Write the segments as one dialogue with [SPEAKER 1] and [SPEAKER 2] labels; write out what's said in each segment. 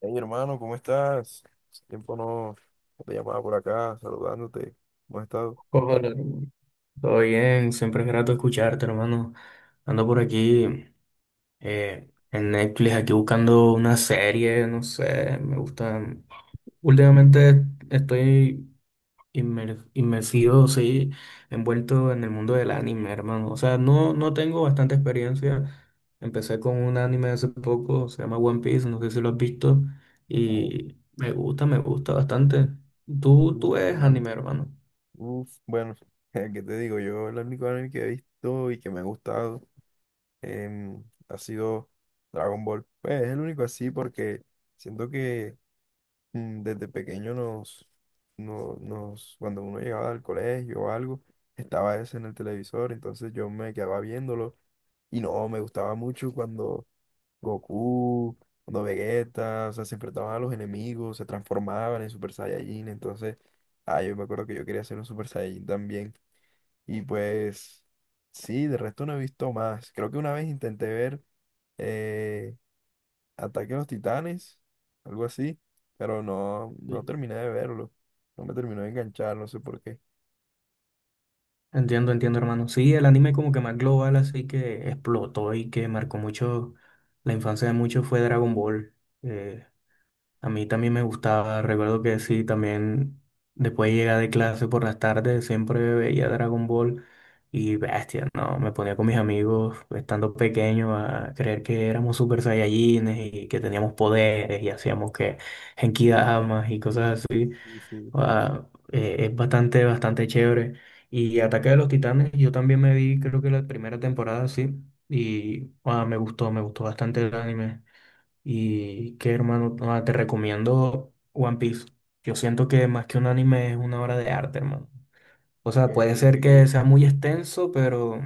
[SPEAKER 1] Hey hermano, ¿cómo estás? Hace tiempo no te llamaba por acá, saludándote. ¿Cómo has estado?
[SPEAKER 2] Hola, hermano. Todo bien, siempre es grato escucharte, hermano. Ando por aquí en Netflix, aquí buscando una serie, no sé, me gusta. Últimamente estoy inmersivo, sí, envuelto en el mundo del anime, hermano. O sea, no tengo bastante experiencia. Empecé con un anime hace poco, se llama One Piece, no sé si lo has visto,
[SPEAKER 1] Claro.
[SPEAKER 2] y me gusta bastante. ¿Tú
[SPEAKER 1] Uf,
[SPEAKER 2] eres
[SPEAKER 1] hermano.
[SPEAKER 2] anime, hermano?
[SPEAKER 1] Uf, bueno, ¿qué te digo? Yo el único anime que he visto y que me ha gustado ha sido Dragon Ball. Pues es el único así porque siento que desde pequeño nos, no- nos, cuando uno llegaba al colegio o algo, estaba ese en el televisor, entonces yo me quedaba viéndolo y no, me gustaba mucho cuando Goku, cuando Vegeta, o sea, se enfrentaban a los enemigos, se transformaban en Super Saiyajin. Entonces, ah, yo me acuerdo que yo quería ser un Super Saiyajin también, y pues, sí, de resto no he visto más. Creo que una vez intenté ver eh, Ataque a los Titanes, algo así, pero no terminé de verlo, no me terminó de enganchar, no sé por qué.
[SPEAKER 2] Entiendo, entiendo, hermano. Sí, el anime como que más global, así que explotó y que marcó mucho la infancia de muchos fue Dragon Ball. Eh, a mí también me gustaba, recuerdo que sí, también después de llegar de clase por las tardes siempre veía Dragon Ball y bestia, ¿no? Me ponía con mis amigos estando pequeño a creer que éramos super saiyajines y que teníamos poderes y hacíamos que Genkidamas y cosas así.
[SPEAKER 1] Sí, sí.
[SPEAKER 2] Ah, es bastante, bastante chévere. Y Ataque de los Titanes, yo también me vi, creo que la primera temporada, sí. Y ah, me gustó bastante el anime. Y qué hermano, ah, te recomiendo One Piece. Yo siento que más que un anime es una obra de arte, hermano. O
[SPEAKER 1] Ok,
[SPEAKER 2] sea, puede ser que
[SPEAKER 1] ok.
[SPEAKER 2] sea muy extenso, pero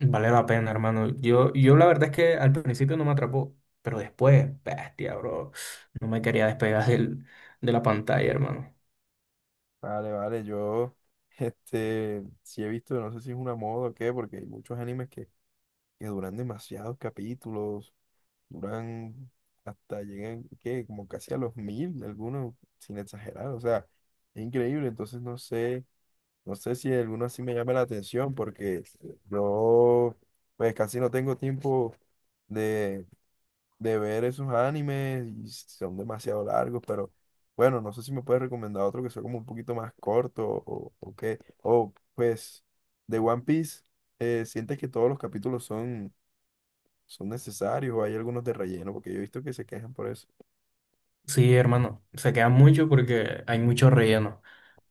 [SPEAKER 2] vale la pena, hermano. Yo la verdad es que al principio no me atrapó, pero después, bestia, bro. No me quería despegar de la pantalla, hermano.
[SPEAKER 1] Vale, vale, yo, este, sí he visto, no sé si es una moda o qué, porque hay muchos animes que duran demasiados capítulos, duran, hasta llegan, ¿qué? Como casi a los mil, algunos, sin exagerar, o sea, es increíble. Entonces no sé, no sé si alguno así me llama la atención, porque yo, pues casi no tengo tiempo de, de ver esos animes, y son demasiado largos. Pero bueno, no sé si me puedes recomendar otro que sea como un poquito más corto, o qué, o pues, de One Piece, ¿sientes que todos los capítulos son necesarios, o hay algunos de relleno, porque yo he visto que se quejan por eso?
[SPEAKER 2] Sí, hermano, se queda mucho porque hay mucho relleno,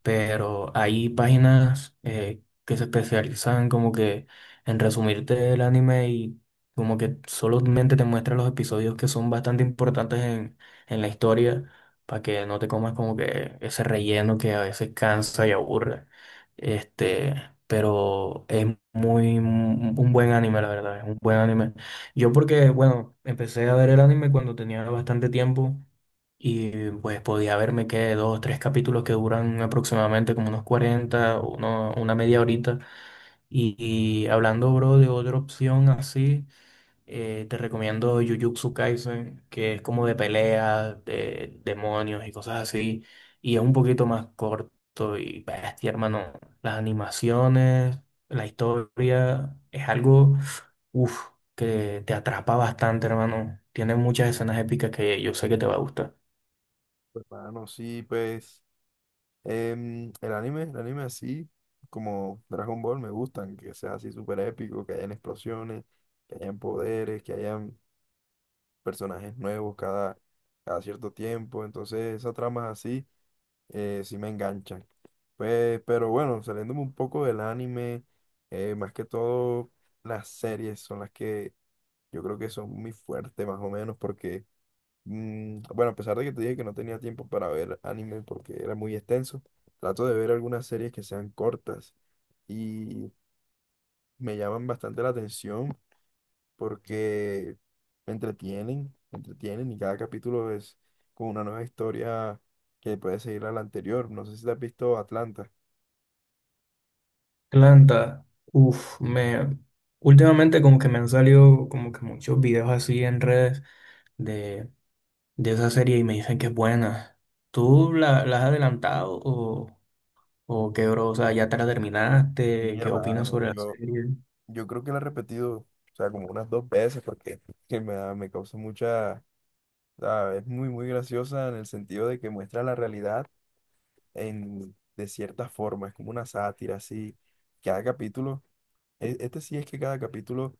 [SPEAKER 2] pero hay páginas que se especializan como que en resumirte el anime y como que solamente te muestran los episodios que son bastante importantes en la historia para que no te comas como que ese relleno que a veces cansa y aburre. Este, pero es muy un buen anime, la verdad, es un buen anime. Yo porque, bueno, empecé a ver el anime cuando tenía bastante tiempo y pues podía verme que dos o tres capítulos que duran aproximadamente como unos 40 una media horita. Y hablando, bro, de otra opción así, te recomiendo Jujutsu Kaisen, que es como de peleas, de demonios y cosas así. Y es un poquito más corto y bestia, hermano. Las animaciones, la historia, es algo, uff, que te atrapa bastante, hermano. Tiene muchas escenas épicas que yo sé que te va a gustar.
[SPEAKER 1] Pues, mano, sí, pues, el anime así, como Dragon Ball, me gustan, que sea así súper épico, que hayan explosiones, que hayan poderes, que hayan personajes nuevos cada, cada cierto tiempo. Entonces esas tramas así sí me enganchan. Pues, pero bueno, saliéndome un poco del anime, más que todo las series son las que yo creo que son muy fuertes más o menos porque, bueno, a pesar de que te dije que no tenía tiempo para ver anime porque era muy extenso, trato de ver algunas series que sean cortas y me llaman bastante la atención porque me entretienen y cada capítulo es como una nueva historia que puede seguir a la anterior. No sé si te has visto Atlanta.
[SPEAKER 2] Planta, uff, me últimamente como que me han salido como que muchos videos así en redes de, de esa serie y me dicen que es buena. ¿Tú la has adelantado o qué, bro? O sea, ¿ya te la terminaste?
[SPEAKER 1] Y
[SPEAKER 2] ¿Qué opinas
[SPEAKER 1] hermano,
[SPEAKER 2] sobre la
[SPEAKER 1] yo,
[SPEAKER 2] serie?
[SPEAKER 1] yo creo que la he repetido, o sea, como unas dos veces porque que me, da- me causa mucha... O sea, es muy, muy graciosa en el sentido de que muestra la realidad en, de cierta forma, es como una sátira, así. Cada capítulo, este sí es que cada capítulo,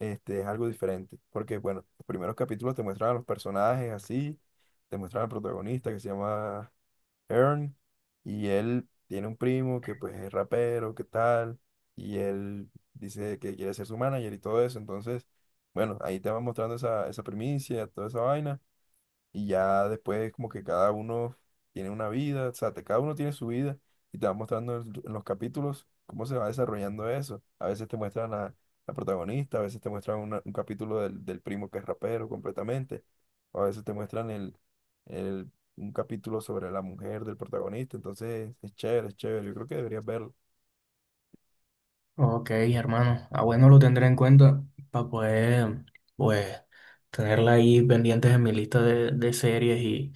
[SPEAKER 1] este, es algo diferente, porque bueno, los primeros capítulos te muestran a los personajes así, te muestran al protagonista que se llama Ern, y él tiene un primo que pues es rapero, qué tal, y él dice que quiere ser su manager y todo eso. Entonces, bueno, ahí te van mostrando esa, esa primicia, toda esa vaina. Y ya después como que cada uno tiene una vida, o sea, cada uno tiene su vida y te va mostrando en los capítulos cómo se va desarrollando eso. A veces te muestran a la protagonista, a veces te muestran un capítulo del, del primo que es rapero completamente, o a veces te muestran un capítulo sobre la mujer del protagonista. Entonces es chévere, es chévere. Yo creo que deberías verlo.
[SPEAKER 2] Ok, hermano. Ah, bueno, lo tendré en cuenta para poder, pues, tenerla ahí pendientes en mi lista de series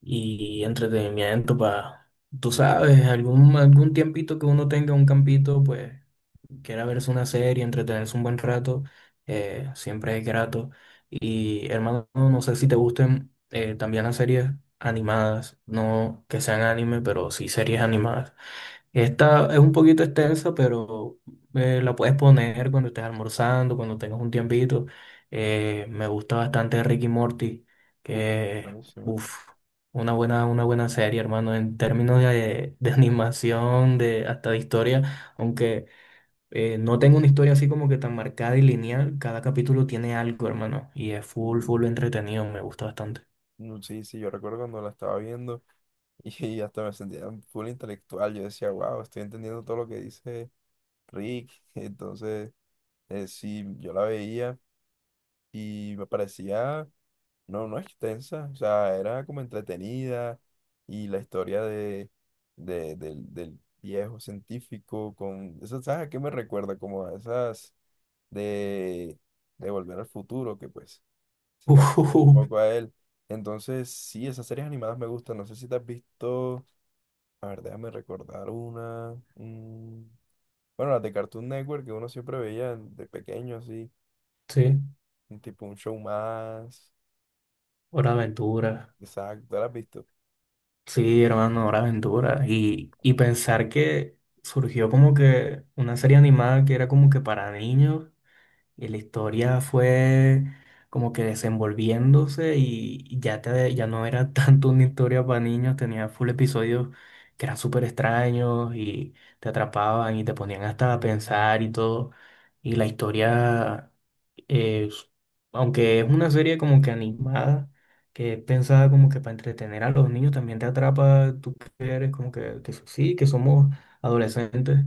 [SPEAKER 2] y entretenimiento para, tú sabes, algún, algún tiempito que uno tenga un campito, pues quiera verse una serie, entretenerse un buen rato, siempre es grato. Y hermano, no sé si te gusten también las series animadas, no que sean anime, pero sí series animadas. Esta es un poquito extensa, pero la puedes poner cuando estés almorzando, cuando tengas un tiempito. Me gusta bastante Ricky y Morty,
[SPEAKER 1] Uh,
[SPEAKER 2] que,
[SPEAKER 1] buenísimo.
[SPEAKER 2] uff, una buena serie, hermano, en términos de animación, de, hasta de historia, aunque no tengo una historia así como que tan marcada y lineal, cada capítulo tiene algo, hermano, y es
[SPEAKER 1] Y,
[SPEAKER 2] full, full entretenido, me gusta bastante.
[SPEAKER 1] sí, sí, yo recuerdo cuando la estaba viendo y hasta me sentía full intelectual. Yo decía, wow, estoy entendiendo todo lo que dice Rick. Entonces, sí, yo la veía y me parecía, no extensa, o sea, era como entretenida y la historia de, del viejo científico con, eso, ¿sabes a qué me recuerda? Como a esas de, de Volver al Futuro, que pues se parece un poco a él. Entonces, sí, esas series animadas me gustan, no sé si te has visto, a ver, déjame recordar una. Bueno, las de Cartoon Network que uno siempre veía de pequeño, así,
[SPEAKER 2] Sí,
[SPEAKER 1] un tipo un show más.
[SPEAKER 2] Hora de Aventura.
[SPEAKER 1] Exacto, ¿las has visto?
[SPEAKER 2] Sí, hermano, Hora de Aventura. Y pensar que surgió como que una serie animada que era como que para niños y la historia fue como que desenvolviéndose y ya, ya no era tanto una historia para niños, tenía full episodios que eran súper extraños y te atrapaban y te ponían hasta a pensar y todo. Y la historia, es- aunque es una serie como que animada, que es pensada como que para entretener a los niños, también te atrapa, tú que eres como que, sí, que somos adolescentes,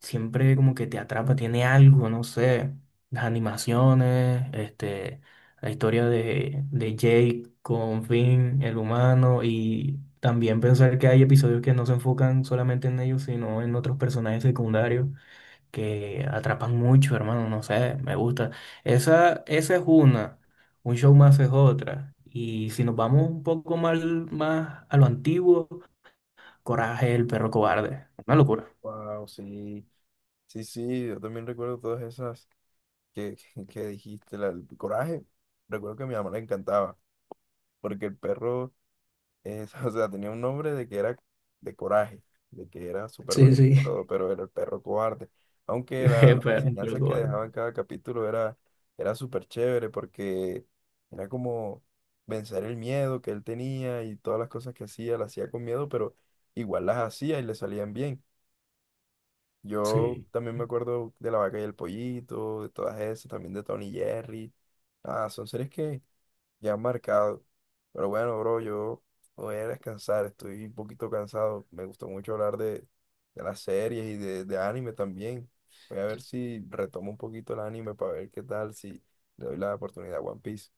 [SPEAKER 2] siempre como que te atrapa, tiene algo, no sé las animaciones, este, la historia de Jake con Finn, el humano, y también pensar que hay episodios que no se enfocan solamente en ellos, sino en otros personajes secundarios que atrapan mucho, hermano, no sé, me gusta. Esa es una, un show más es otra. Y si nos vamos un poco más, más a lo antiguo, Coraje, el perro cobarde. Una locura.
[SPEAKER 1] Wow, sí. Sí, sí, yo también recuerdo todas esas que, que dijiste. El coraje, recuerdo que a mi mamá le encantaba, porque el perro es- o sea, tenía un nombre de que era de coraje, de que era súper
[SPEAKER 2] Sí,
[SPEAKER 1] valiente y
[SPEAKER 2] sí.
[SPEAKER 1] todo, pero era el perro cobarde. Aunque la,
[SPEAKER 2] El
[SPEAKER 1] las
[SPEAKER 2] perro
[SPEAKER 1] enseñanzas que
[SPEAKER 2] cobarde.
[SPEAKER 1] dejaba en cada capítulo era, era súper chévere porque era como vencer el miedo que él tenía, y todas las cosas que hacía, las hacía con miedo, pero igual las hacía y le salían bien. Yo
[SPEAKER 2] Sí.
[SPEAKER 1] también me acuerdo de La Vaca y el Pollito, de todas esas, también de Tony y Jerry. Ah, son series que ya han marcado. Pero bueno, bro, yo voy a descansar, estoy un poquito cansado. Me gustó mucho hablar de las series y de anime también. Voy a ver si retomo un poquito el anime para ver qué tal, si le doy la oportunidad a One Piece.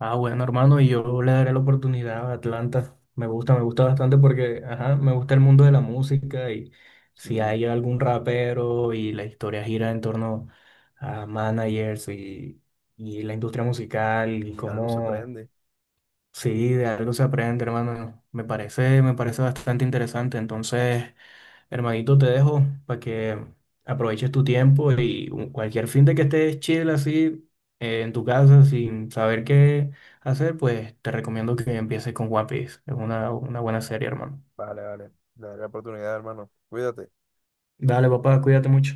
[SPEAKER 2] Ah, bueno, hermano, y yo le daré la oportunidad a Atlanta. Me gusta bastante porque, ajá, me gusta el mundo de la música y si
[SPEAKER 1] Si,
[SPEAKER 2] hay algún rapero y la historia gira en torno a managers y la industria musical y
[SPEAKER 1] si algo se
[SPEAKER 2] cómo,
[SPEAKER 1] prende,
[SPEAKER 2] sí, de algo se aprende, hermano. Me parece bastante interesante. Entonces, hermanito, te dejo para que aproveches tu tiempo y cualquier fin de que estés chill así en tu casa sin saber qué hacer, pues te recomiendo que empieces con One Piece. Es una buena serie, hermano.
[SPEAKER 1] vale, vale, le daré la oportunidad, hermano. Cuídate.
[SPEAKER 2] Dale, papá, cuídate mucho.